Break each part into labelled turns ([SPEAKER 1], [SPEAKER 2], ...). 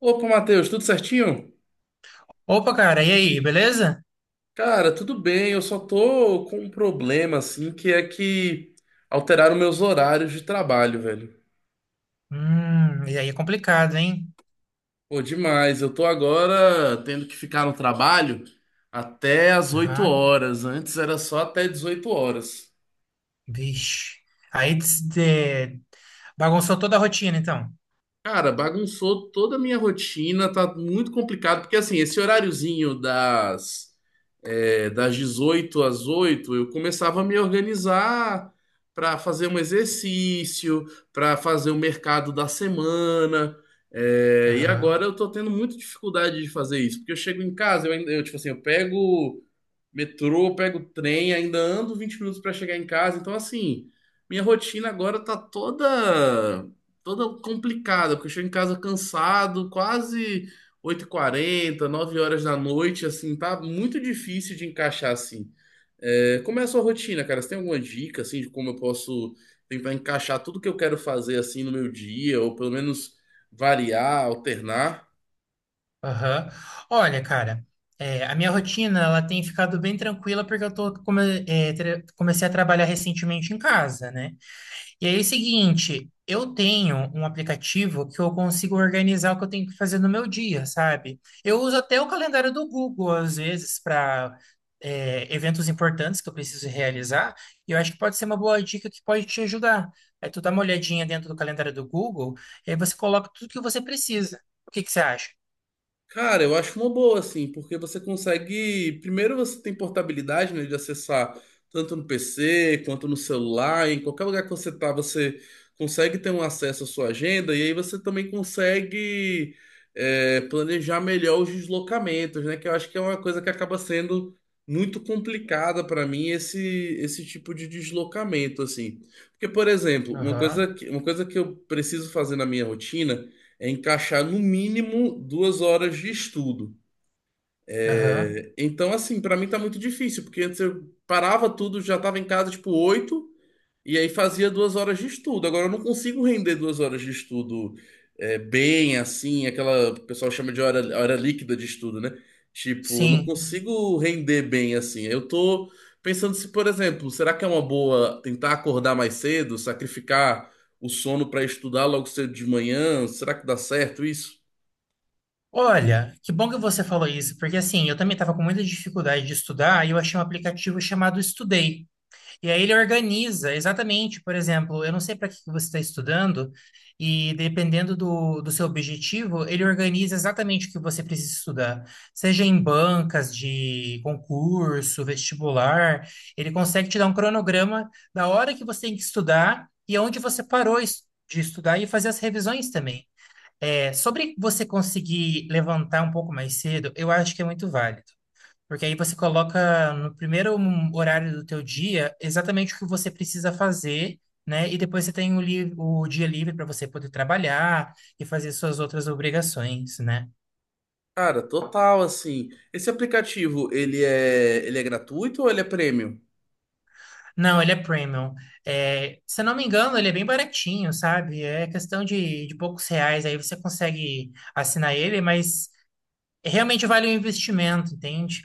[SPEAKER 1] Opa, Matheus, tudo certinho?
[SPEAKER 2] Opa, cara, e aí, beleza?
[SPEAKER 1] Cara, tudo bem, eu só tô com um problema, assim, que é que alteraram meus horários de trabalho, velho.
[SPEAKER 2] E aí é complicado, hein?
[SPEAKER 1] Pô, demais, eu tô agora tendo que ficar no trabalho até as oito
[SPEAKER 2] Aham.
[SPEAKER 1] horas, antes era só até 18 horas.
[SPEAKER 2] Vixe. Aí bagunçou toda a rotina, então.
[SPEAKER 1] Cara, bagunçou toda a minha rotina, tá muito complicado, porque assim, esse horáriozinho das das 18 às 8 eu começava a me organizar para fazer um exercício, para fazer o mercado da semana. E
[SPEAKER 2] Aham,
[SPEAKER 1] agora eu tô tendo muita dificuldade de fazer isso, porque eu chego em casa, eu, eu tipo assim, eu pego metrô, pego trem, ainda ando 20 minutos para chegar em casa. Então, assim, minha rotina agora tá toda complicada, porque eu chego em casa cansado, quase 8h40, 9 horas da noite, assim, tá muito difícil de encaixar assim. É, como é a sua rotina, cara? Você tem alguma dica, assim, de como eu posso tentar encaixar tudo que eu quero fazer, assim, no meu dia, ou pelo menos variar, alternar?
[SPEAKER 2] aham. Olha, cara, a minha rotina, ela tem ficado bem tranquila porque eu tô, come- é, tra- comecei a trabalhar recentemente em casa, né? E aí é o seguinte, eu tenho um aplicativo que eu consigo organizar o que eu tenho que fazer no meu dia, sabe? Eu uso até o calendário do Google, às vezes, para eventos importantes que eu preciso realizar, e eu acho que pode ser uma boa dica que pode te ajudar. Aí tu dá uma olhadinha dentro do calendário do Google, e aí você coloca tudo que você precisa. O que que você acha?
[SPEAKER 1] Cara, eu acho uma boa, assim, porque você consegue. Primeiro, você tem portabilidade, né, de acessar tanto no PC quanto no celular, em qualquer lugar que você tá, você consegue ter um acesso à sua agenda, e aí você também consegue planejar melhor os deslocamentos, né, que eu acho que é uma coisa que acaba sendo muito complicada para mim, esse tipo de deslocamento, assim. Porque, por exemplo,
[SPEAKER 2] Aham,
[SPEAKER 1] uma coisa que eu preciso fazer na minha rotina é encaixar no mínimo 2 horas de estudo.
[SPEAKER 2] aham,
[SPEAKER 1] É, então, assim, para mim tá muito difícil, porque antes eu parava tudo, já tava em casa tipo oito, e aí fazia 2 horas de estudo. Agora eu não consigo render 2 horas de estudo bem assim, aquela que o pessoal chama de hora líquida de estudo, né? Tipo, eu não
[SPEAKER 2] sim.
[SPEAKER 1] consigo render bem assim. Eu tô pensando se, por exemplo, será que é uma boa tentar acordar mais cedo, sacrificar o sono para estudar logo cedo de manhã? Será que dá certo isso?
[SPEAKER 2] Olha, que bom que você falou isso, porque assim, eu também estava com muita dificuldade de estudar e eu achei um aplicativo chamado Estudei. E aí ele organiza, exatamente, por exemplo, eu não sei para que que você está estudando, e dependendo do seu objetivo, ele organiza exatamente o que você precisa estudar. Seja em bancas de concurso, vestibular, ele consegue te dar um cronograma da hora que você tem que estudar e onde você parou de estudar e fazer as revisões também. É, sobre você conseguir levantar um pouco mais cedo, eu acho que é muito válido. Porque aí você coloca no primeiro horário do teu dia exatamente o que você precisa fazer, né? E depois você tem o dia livre para você poder trabalhar e fazer suas outras obrigações, né?
[SPEAKER 1] Cara, total, assim. Esse aplicativo, ele é gratuito ou ele é premium?
[SPEAKER 2] Não, ele é premium. É, se eu não me engano, ele é bem baratinho, sabe? É questão de poucos reais, aí você consegue assinar ele, mas realmente vale o investimento, entende?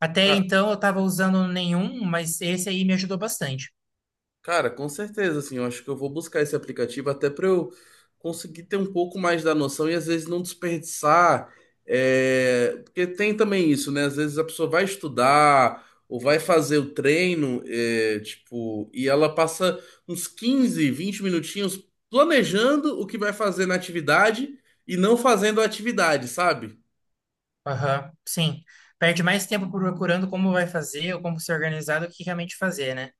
[SPEAKER 2] Até
[SPEAKER 1] Ca-
[SPEAKER 2] então eu estava usando nenhum, mas esse aí me ajudou bastante.
[SPEAKER 1] Cara, com certeza, assim, eu acho que eu vou buscar esse aplicativo até para eu conseguir ter um pouco mais da noção e às vezes não desperdiçar, porque tem também isso, né? Às vezes a pessoa vai estudar ou vai fazer o treino, é, tipo, e ela passa uns 15 20 minutinhos planejando o que vai fazer na atividade e não fazendo a atividade, sabe?
[SPEAKER 2] Aham, sim. Perde mais tempo procurando como vai fazer ou como se organizar do que realmente fazer, né?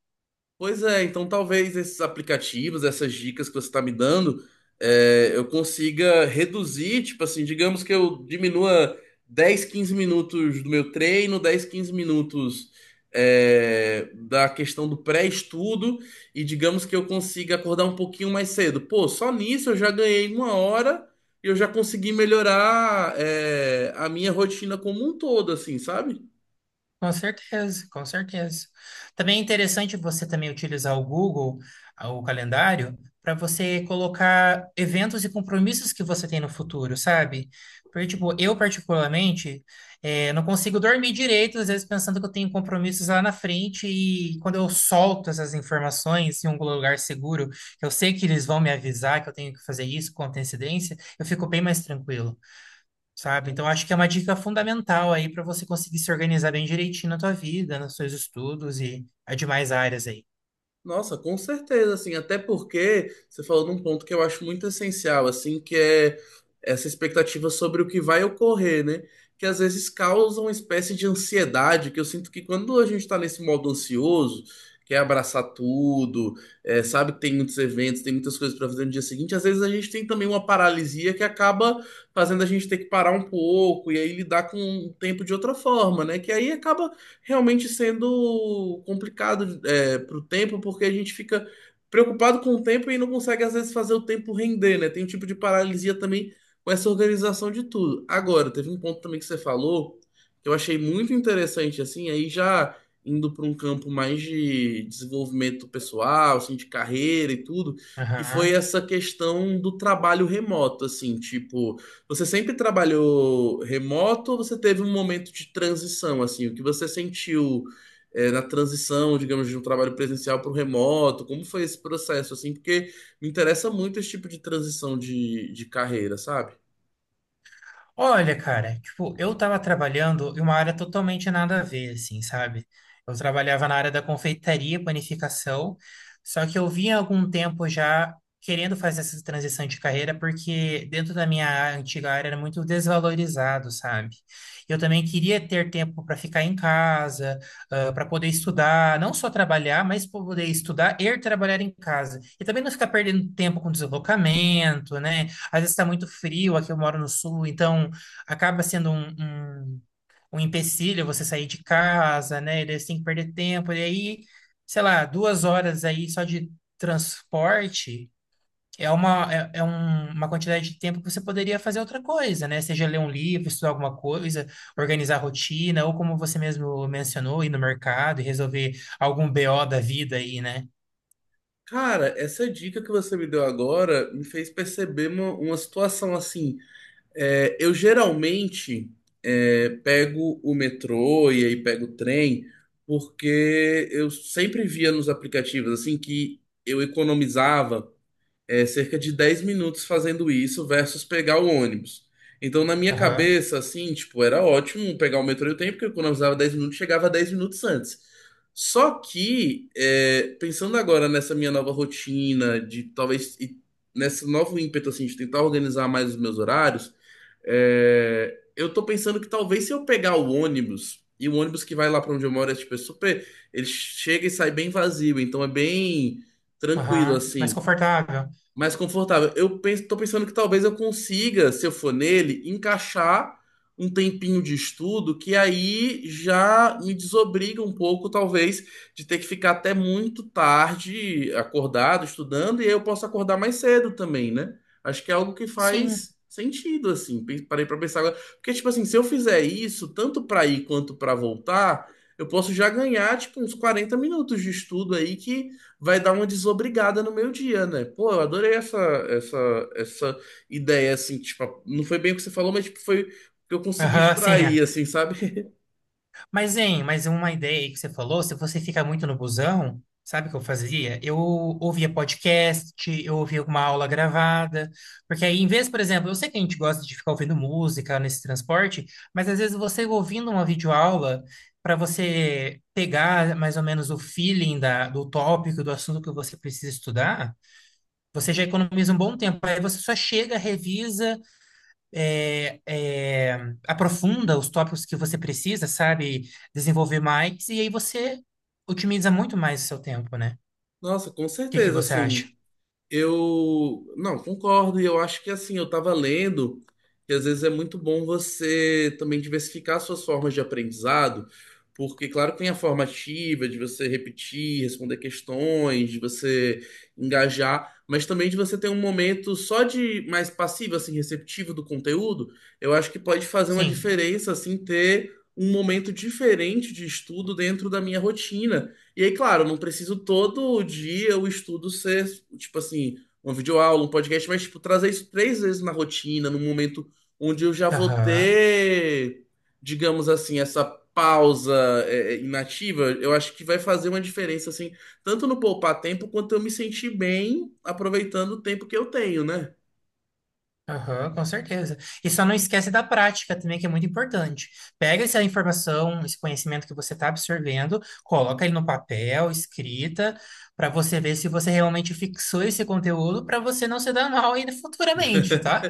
[SPEAKER 1] Pois é, então talvez esses aplicativos, essas dicas que você está me dando, eu consiga reduzir, tipo assim, digamos que eu diminua 10 15 minutos do meu treino, 10 15 minutos da questão do pré-estudo, e digamos que eu consiga acordar um pouquinho mais cedo. Pô, só nisso eu já ganhei uma hora e eu já consegui melhorar, a minha rotina como um todo, assim, sabe?
[SPEAKER 2] Com certeza, com certeza. Também é interessante você também utilizar o Google, ah, o calendário, para você colocar eventos e compromissos que você tem no futuro, sabe? Porque, tipo, eu particularmente não consigo dormir direito, às vezes pensando que eu tenho compromissos lá na frente, e quando eu solto essas informações em um lugar seguro, que eu sei que eles vão me avisar que eu tenho que fazer isso com antecedência, eu fico bem mais tranquilo, sabe? Então, acho que é uma dica fundamental aí para você conseguir se organizar bem direitinho na tua vida, nos seus estudos e as demais áreas aí.
[SPEAKER 1] Nossa, com certeza, assim, até porque você falou num ponto que eu acho muito essencial, assim, que é essa expectativa sobre o que vai ocorrer, né? Que às vezes causa uma espécie de ansiedade, que eu sinto que quando a gente tá nesse modo ansioso, quer abraçar tudo, sabe que tem muitos eventos, tem muitas coisas para fazer no dia seguinte, às vezes a gente tem também uma paralisia que acaba fazendo a gente ter que parar um pouco e aí lidar com o tempo de outra forma, né? Que aí acaba realmente sendo complicado para o tempo, porque a gente fica preocupado com o tempo e não consegue, às vezes, fazer o tempo render, né? Tem um tipo de paralisia também com essa organização de tudo. Agora, teve um ponto também que você falou que eu achei muito interessante, assim, aí já indo para um campo mais de desenvolvimento pessoal, assim, de carreira e tudo, que foi
[SPEAKER 2] Aham.
[SPEAKER 1] essa questão do trabalho remoto, assim, tipo você sempre trabalhou remoto ou você teve um momento de transição, assim? O que você sentiu, na transição, digamos, de um trabalho presencial para o remoto? Como foi esse processo, assim? Porque me interessa muito esse tipo de transição de carreira, sabe?
[SPEAKER 2] Olha, cara, tipo, eu tava trabalhando em uma área totalmente nada a ver, assim, sabe? Eu trabalhava na área da confeitaria, panificação, só que eu vinha há algum tempo já querendo fazer essa transição de carreira, porque dentro da minha antiga área era muito desvalorizado, sabe? Eu também queria ter tempo para ficar em casa, para poder estudar, não só trabalhar, mas poder estudar e trabalhar em casa. E também não ficar perdendo tempo com deslocamento, né? Às vezes está muito frio, aqui eu moro no sul, então acaba sendo um empecilho você sair de casa, né? E daí você tem que perder tempo. E aí, sei lá, duas horas aí só de transporte é uma, é, é um- uma quantidade de tempo que você poderia fazer outra coisa, né? Seja ler um livro, estudar alguma coisa, organizar a rotina, ou como você mesmo mencionou, ir no mercado e resolver algum BO da vida aí, né?
[SPEAKER 1] Cara, essa dica que você me deu agora me fez perceber uma situação assim. É, eu geralmente pego o metrô e aí pego o trem, porque eu sempre via nos aplicativos assim que eu economizava cerca de 10 minutos fazendo isso versus pegar o ônibus. Então, na minha
[SPEAKER 2] Aham,
[SPEAKER 1] cabeça, assim, tipo, era ótimo pegar o metrô e o trem, porque eu economizava 10 minutos, chegava 10 minutos antes. Só que, pensando agora nessa minha nova rotina, de talvez, e nesse novo ímpeto, assim, de tentar organizar mais os meus horários, eu tô pensando que talvez se eu pegar o ônibus, e o ônibus que vai lá pra onde eu moro é, tipo, é super, ele chega e sai bem vazio, então é bem tranquilo,
[SPEAKER 2] aham. Mais
[SPEAKER 1] assim
[SPEAKER 2] confortável.
[SPEAKER 1] mais confortável. Eu penso, tô pensando que talvez eu consiga, se eu for nele, encaixar um tempinho de estudo que aí já me desobriga um pouco, talvez, de ter que ficar até muito tarde acordado, estudando, e aí eu posso acordar mais cedo também, né? Acho que é algo que
[SPEAKER 2] Sim.
[SPEAKER 1] faz sentido, assim. Parei pra pensar agora. Porque, tipo assim, se eu fizer isso, tanto pra ir quanto pra voltar, eu posso já ganhar, tipo, uns 40 minutos de estudo aí que vai dar uma desobrigada no meu dia, né? Pô, eu adorei essa ideia, assim, tipo, não foi bem o que você falou, mas tipo, foi o que eu consegui
[SPEAKER 2] Aham, sim. É.
[SPEAKER 1] extrair, assim, sabe?
[SPEAKER 2] Mas, hein, mas uma ideia aí que você falou, se você fica muito no busão, sabe o que eu fazia? Eu ouvia podcast, eu ouvia alguma aula gravada, porque aí, em vez, por exemplo, eu sei que a gente gosta de ficar ouvindo música nesse transporte, mas às vezes você ouvindo uma videoaula, para você pegar mais ou menos o feeling da, do tópico, do assunto que você precisa estudar, você já economiza um bom tempo. Aí você só chega, revisa, é, é, aprofunda os tópicos que você precisa, sabe? Desenvolver mais, e aí você otimiza muito mais o seu tempo, né?
[SPEAKER 1] Nossa, com
[SPEAKER 2] O que que
[SPEAKER 1] certeza,
[SPEAKER 2] você acha?
[SPEAKER 1] assim. Eu não concordo, e eu acho que assim, eu estava lendo que às vezes é muito bom você também diversificar suas formas de aprendizado, porque claro que tem a forma ativa de você repetir, responder questões, de você engajar, mas também de você ter um momento só de mais passivo, assim, receptivo do conteúdo, eu acho que pode fazer uma
[SPEAKER 2] Sim.
[SPEAKER 1] diferença assim ter um momento diferente de estudo dentro da minha rotina. E aí, claro, não preciso todo dia o estudo ser, tipo assim, uma videoaula, um podcast, mas, tipo, trazer isso 3 vezes na rotina, num momento onde eu já vou
[SPEAKER 2] Aham.
[SPEAKER 1] ter, digamos assim, essa pausa inativa, eu acho que vai fazer uma diferença, assim, tanto no poupar tempo, quanto eu me sentir bem aproveitando o tempo que eu tenho, né?
[SPEAKER 2] Aham, com certeza. E só não esquece da prática também, que é muito importante. Pega essa informação, esse conhecimento que você está absorvendo, coloca ele no papel, escrita, para você ver se você realmente fixou esse conteúdo, para você não se dar mal ainda futuramente, tá?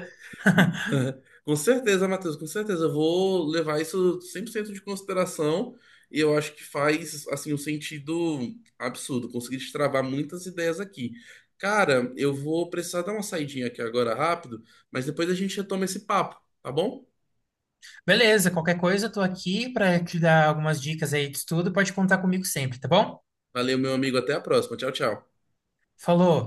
[SPEAKER 1] Com certeza, Matheus, com certeza. Eu vou levar isso 100% de consideração e eu acho que faz, assim, um sentido absurdo. Consegui destravar muitas ideias aqui. Cara, eu vou precisar dar uma saidinha aqui agora rápido, mas depois a gente retoma esse papo, tá bom?
[SPEAKER 2] Beleza, qualquer coisa, eu tô aqui para te dar algumas dicas aí de estudo. Pode contar comigo sempre, tá bom?
[SPEAKER 1] Valeu, meu amigo. Até a próxima. Tchau, tchau.
[SPEAKER 2] Falou!